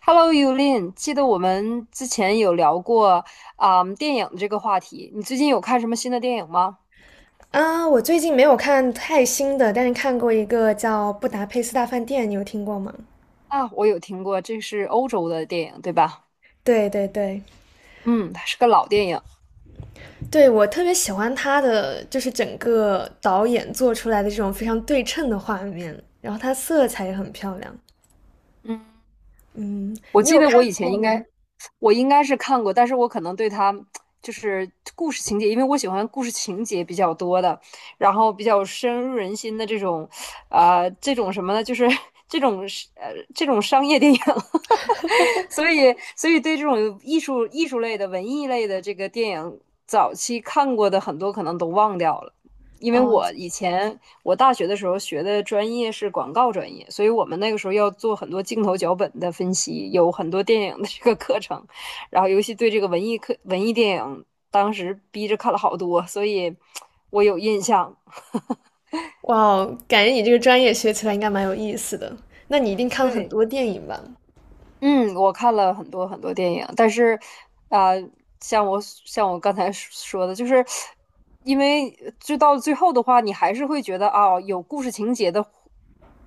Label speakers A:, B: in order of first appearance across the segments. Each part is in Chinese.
A: Hello, Yulin，记得我们之前有聊过电影这个话题。你最近有看什么新的电影吗？
B: 啊，我最近没有看太新的，但是看过一个叫《布达佩斯大饭店》，你有听过吗？
A: 啊，我有听过，这是欧洲的电影，对吧？
B: 对对对，
A: 嗯，它是个老电影。
B: 对，我特别喜欢他的，就是整个导演做出来的这种非常对称的画面，然后它色彩也很漂亮。
A: 嗯。
B: 嗯，
A: 我
B: 你
A: 记
B: 有
A: 得
B: 看
A: 我以前
B: 过
A: 应
B: 吗？
A: 该，我应该是看过，但是我可能对它就是故事情节，因为我喜欢故事情节比较多的，然后比较深入人心的这种，这种什么呢？就是 这种是这种商业电影，所以对这种艺术类的、文艺类的这个电影，早期看过的很多可能都忘掉了。因为
B: 哦，
A: 我以前我大学的时候学的专业是广告专业，所以我们那个时候要做很多镜头脚本的分析，有很多电影的这个课程，然后尤其对这个文艺课、文艺电影，当时逼着看了好多，所以我有印象。
B: 哇哦感觉你这个专业学起来应该蛮有意思的。那你一定看了很
A: 对，
B: 多电影吧？
A: 嗯，我看了很多很多电影，但是，啊、像我刚才说的，就是因为就到最后的话，你还是会觉得有故事情节的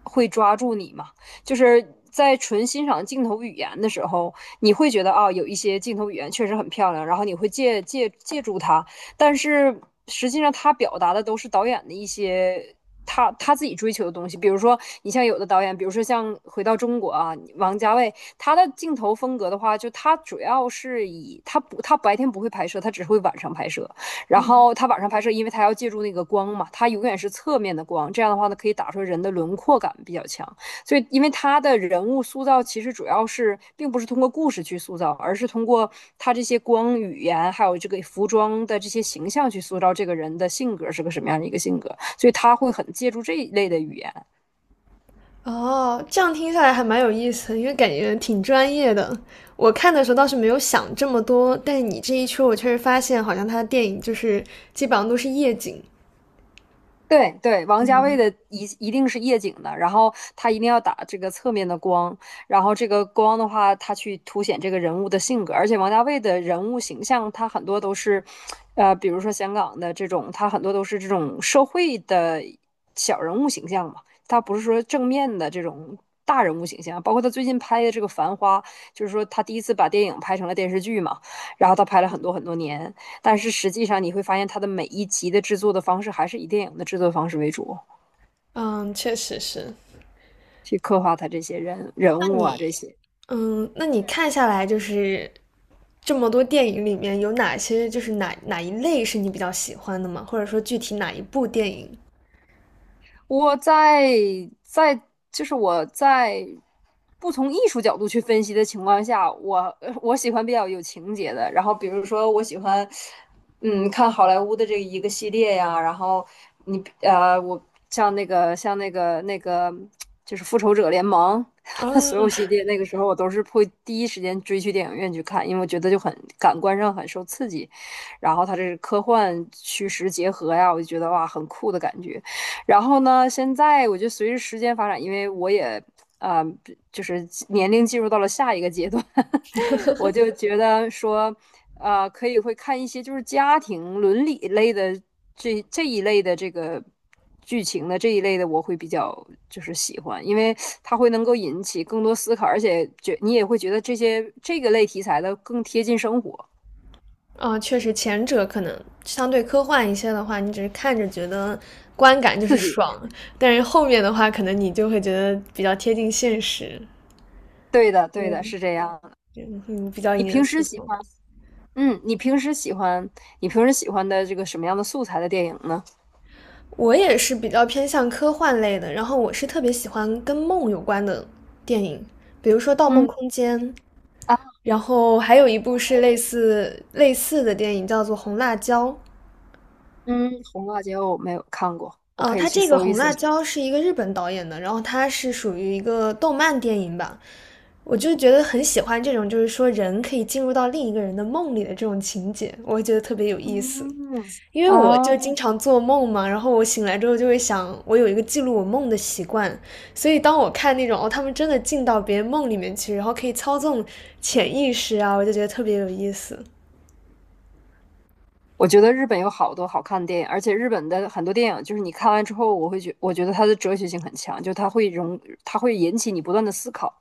A: 会抓住你嘛。就是在纯欣赏镜头语言的时候，你会觉得有一些镜头语言确实很漂亮，然后你会借助它，但是实际上他表达的都是导演的一些他自己追求的东西，比如说你像有的导演，比如说像回到中国啊，王家卫他的镜头风格的话，就他主要是以他白天不会拍摄，他只会晚上拍摄，然后他晚上拍摄，因为他要借助那个光嘛，他永远是侧面的光，这样的话呢可以打出人的轮廓感比较强。所以，因为他的人物塑造其实主要是并不是通过故事去塑造，而是通过他这些光、语言，还有这个服装的这些形象去塑造这个人的性格是个什么样的一个性格。所以他会很借助这一类的语言，
B: 哦，这样听下来还蛮有意思的，因为感觉挺专业的。我看的时候倒是没有想这么多，但是你这一说，我确实发现好像他的电影就是基本上都是夜景。
A: 对对，王家卫的一定是夜景的，然后他一定要打这个侧面的光，然后这个光的话，他去凸显这个人物的性格，而且王家卫的人物形象，他很多都是，比如说香港的这种，他很多都是这种社会的小人物形象嘛，他不是说正面的这种大人物形象，包括他最近拍的这个《繁花》，就是说他第一次把电影拍成了电视剧嘛，然后他拍了很多很多年。但是实际上你会发现，它的每一集的制作的方式还是以电影的制作方式为主，
B: 嗯，确实是。
A: 去刻画它这些人人
B: 那
A: 物啊
B: 你，
A: 这些。
B: 嗯，那你看下来就是这么多电影里面有哪些，就是哪一类是你比较喜欢的吗？或者说具体哪一部电影？
A: 我在在就是我在不从艺术角度去分析的情况下，我喜欢比较有情节的。然后比如说我喜欢，嗯，看好莱坞的这一个系列呀。然后我像那个像那个那个就是《复仇者联盟》所有
B: 啊，
A: 系列，那个时候我都是会第一时间追去电影院去看，因为我觉得就很感官上很受刺激。然后它这是科幻虚实结合呀，我就觉得哇，很酷的感觉。然后呢，现在我觉得随着时间发展，因为我也呃，就是年龄进入到了下一个阶段，我就觉得说，可以会看一些就是家庭伦理类的这一类的这个剧情的这一类的，我会比较就是喜欢，因为它会能够引起更多思考，而且觉你也会觉得这些这个类题材的更贴近生活，
B: 啊，确实，前者可能相对科幻一些的话，你只是看着觉得观感就是
A: 刺激。
B: 爽，但是后面的话，可能你就会觉得比较贴近现实，
A: 对的，对
B: 对，
A: 的，是这样。
B: 嗯，嗯比较
A: 你
B: 引人
A: 平时
B: 思
A: 喜
B: 考。
A: 欢？嗯，你平时喜欢的这个什么样的素材的电影呢？
B: 我也是比较偏向科幻类的，然后我是特别喜欢跟梦有关的电影，比如说《盗梦
A: 嗯。
B: 空间》，
A: 啊，
B: 然后还有一部是类似的电影叫做《红辣椒》，
A: 嗯，《红辣椒》我没有看过，我
B: 哦，
A: 可以
B: 它
A: 去
B: 这个
A: 搜一
B: 《红
A: 搜。
B: 辣椒》是一个日本导演的，然后它是属于一个动漫电影吧。我就觉得很喜欢这种，就是说人可以进入到另一个人的梦里的这种情节，我会觉得特别有意思。
A: 嗯。
B: 因为我就经
A: 啊，
B: 常做梦嘛，然后我醒来之后就会想，我有一个记录我梦的习惯，所以当我看那种哦，他们真的进到别人梦里面去，然后可以操纵潜意识啊，我就觉得特别有意思。
A: 我觉得日本有好多好看的电影，而且日本的很多电影，就是你看完之后，我觉得它的哲学性很强，就它会容，它会引起你不断的思考。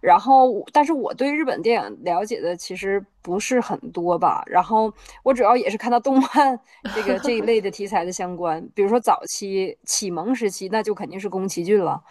A: 然后，但是我对日本电影了解的其实不是很多吧。然后我主要也是看到动漫这一类的题材的相关，比如说早期启蒙时期，那就肯定是宫崎骏了。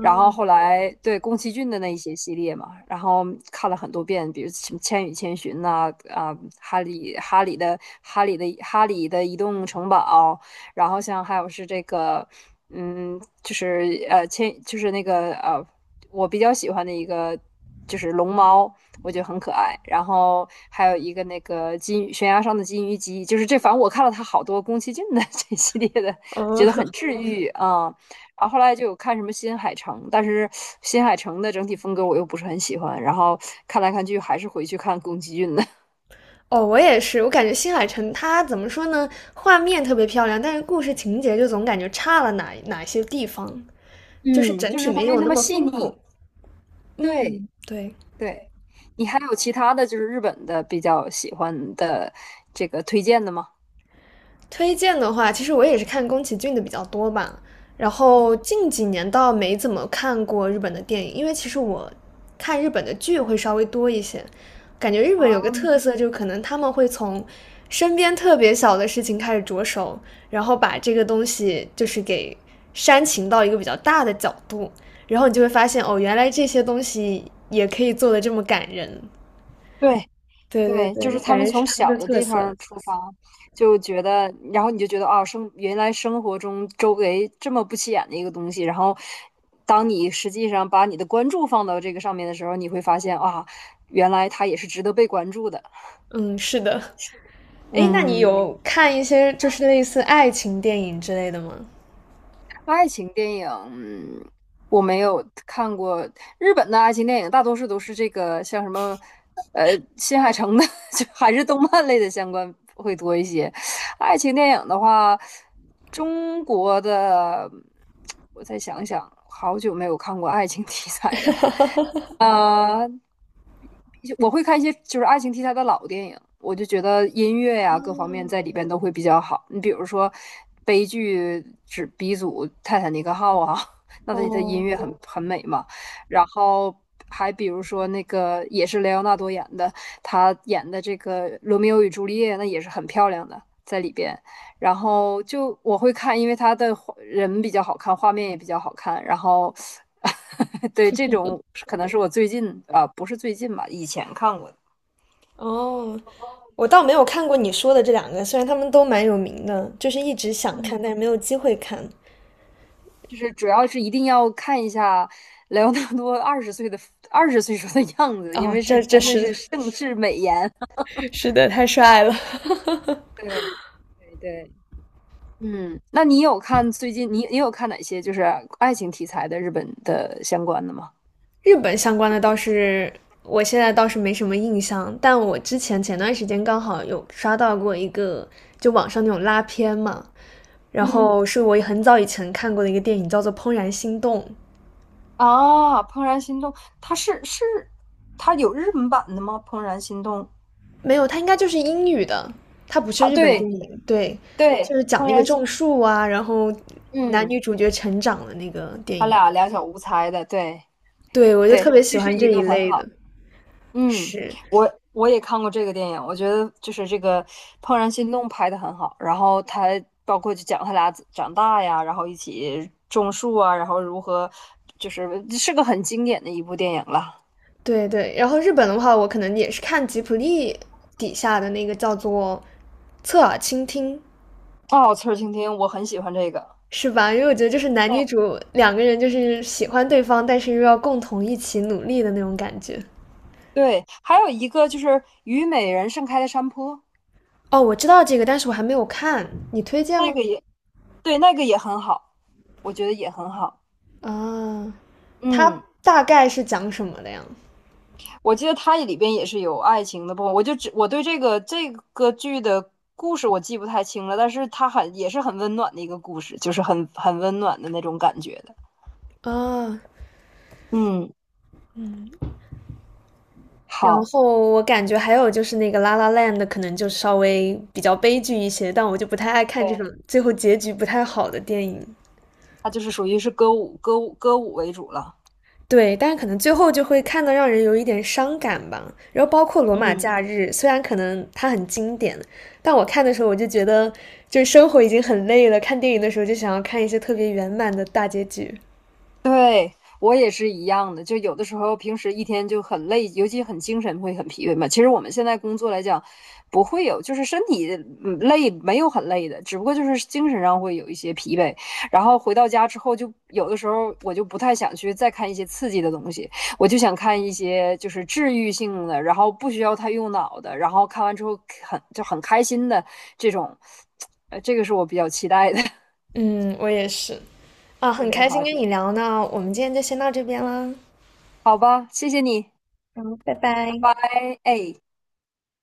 A: 然后后来对宫崎骏的那一些系列嘛，然后看了很多遍，比如什么《千与千寻》呐，啊，哈利的移动城堡，然后像还有是这个，嗯，就是呃千就是那个呃，我比较喜欢的一个就是龙猫。我觉得很可爱，然后还有一个那个悬崖上的金鱼姬，就是这，反正我看了他好多宫崎骏的 这系列的，觉
B: 哦，
A: 得很 治愈啊、然后后来就有看什么新海诚，但是新海诚的整体风格我又不是很喜欢，然后看来看去还是回去看宫崎骏的。
B: 哦，我也是，我感觉新海诚他怎么说呢？画面特别漂亮，但是故事情节就总感觉差了哪些地方，就是
A: 嗯，
B: 整
A: 就
B: 体
A: 是他
B: 没
A: 没
B: 有
A: 那
B: 那
A: 么
B: 么
A: 细
B: 丰
A: 腻。
B: 富。
A: 对
B: 嗯，对。
A: 对，你还有其他的就是日本的比较喜欢的这个推荐的吗？
B: 推荐的话，其实我也是看宫崎骏的比较多吧。然后近几年倒没怎么看过日本的电影，因为其实我看日本的剧会稍微多一些。感觉日本有
A: 啊，
B: 个特色，就可能他们会从身边特别小的事情开始着手，然后把这个东西就是给煽情到一个比较大的角度，然后你就会发现，哦，原来这些东西也可以做的这么感人。
A: 对，
B: 对对
A: 对，就
B: 对，
A: 是他
B: 感
A: 们
B: 觉是
A: 从
B: 他们
A: 小
B: 的
A: 的
B: 特
A: 地
B: 色。
A: 方出发，就觉得，然后你就觉得哦，原来生活中周围这么不起眼的一个东西，然后当你实际上把你的关注放到这个上面的时候，你会发现啊，原来它也是值得被关注的。
B: 嗯，是的。哎，那你
A: 嗯，
B: 有看一些就是类似爱情电影之类的吗？
A: 爱情电影，嗯，我没有看过日本的爱情电影，大多数都是这个像什么，新海诚的，就还是动漫类的相关会多一些。爱情电影的话，中国的，我再想想，好久没有看过爱情题材的了。啊、我会看一些就是爱情题材的老电影，我就觉得音乐呀、各方面在里边都会比较好。你比如说悲剧之鼻祖《泰坦尼克号》啊，那它的音
B: 哦，
A: 乐很美嘛。然后还比如说那个也是莱昂纳多演的，他演的这个《罗密欧与朱丽叶》，那也是很漂亮的在里边。然后就我会看，因为他的画人比较好看，画面也比较好看。然后，对这种可能是我最近啊、呃不是最近吧，以前看过的。
B: 哦，我倒没有看过你说的这两个，虽然他们都蛮有名的，就是一直想
A: 嗯，
B: 看，但是没有机会看。
A: 就是主要是一定要看一下莱昂纳多二十岁的二十岁时候的样子，因
B: 哦，
A: 为是
B: 这这
A: 真的是
B: 是
A: 盛世美颜。
B: 是的，太帅了。
A: 对对对，嗯，那你有看最近你有看哪些就是爱情题材的日本的相关的吗？
B: 日本相关的倒是我现在倒是没什么印象，但我之前前段时间刚好有刷到过一个，就网上那种拉片嘛，然
A: 嗯。
B: 后是我很早以前看过的一个电影，叫做《怦然心动》，
A: 啊，《怦然心动》，它是是它有日本版的吗？《怦然心动》
B: 没有，它应该就是英语的，它不是
A: 啊，
B: 日本
A: 对
B: 电影。对，
A: 对，
B: 就是讲
A: 《怦
B: 那个
A: 然心》，
B: 种树啊，然后男
A: 嗯，
B: 女主角成长的那个电
A: 他
B: 影。
A: 俩两小无猜的，对
B: 对，我就特
A: 对，
B: 别
A: 这
B: 喜
A: 是
B: 欢
A: 一
B: 这
A: 个
B: 一
A: 很
B: 类
A: 好，
B: 的。
A: 嗯，
B: 是，
A: 我也看过这个电影，我觉得就是这个《怦然心动》拍的很好，然后他包括就讲他俩怎长大呀，然后一起种树啊，然后如何，就是个很经典的一部电影了。
B: 对对。然后日本的话，我可能也是看吉卜力底下的那个叫做《侧耳倾听》，
A: 哦，《刺儿倾听》，我很喜欢这个。
B: 是吧？因为我觉得就是男
A: 对。
B: 女主两个人就是喜欢对方，但是又要共同一起努力的那种感觉。
A: 对，还有一个就是虞美人盛开的山坡，
B: 哦，我知道这个，但是我还没有看，你推荐
A: 那
B: 吗？
A: 个也对，那个也很好，我觉得也很好。
B: 啊，它
A: 嗯，
B: 大概是讲什么的呀？
A: 我记得它里边也是有爱情的部分，我就只我对这个剧的故事我记不太清了，但是它也是很温暖的一个故事，就是很温暖的那种感觉的。
B: 啊，
A: 嗯，
B: 然
A: 好，
B: 后我感觉还有就是那个《La La Land 可能就稍微比较悲剧一些，但我就不太爱看这种
A: 对，
B: 最后结局不太好的电影。
A: 它就是属于是歌舞为主了。
B: 对，但是可能最后就会看得让人有一点伤感吧。然后包括《罗马
A: 嗯。
B: 假日》，虽然可能它很经典，但我看的时候我就觉得，就是生活已经很累了，看电影的时候就想要看一些特别圆满的大结局。
A: 对，我也是一样的，就有的时候平时一天就很累，尤其很精神会很疲惫嘛。其实我们现在工作来讲，不会有，就是身体累没有很累的，只不过就是精神上会有一些疲惫。然后回到家之后就，有的时候我就不太想去再看一些刺激的东西，我就想看一些就是治愈性的，然后不需要太用脑的，然后看完之后就很开心的这种，这个是我比较期待的
B: 嗯，我也是。啊，
A: 这
B: 很
A: 类
B: 开
A: 话
B: 心跟
A: 题。
B: 你聊呢，我们今天就先到这边了，
A: 好吧，谢谢你。
B: 好，拜拜。
A: 拜拜，哎。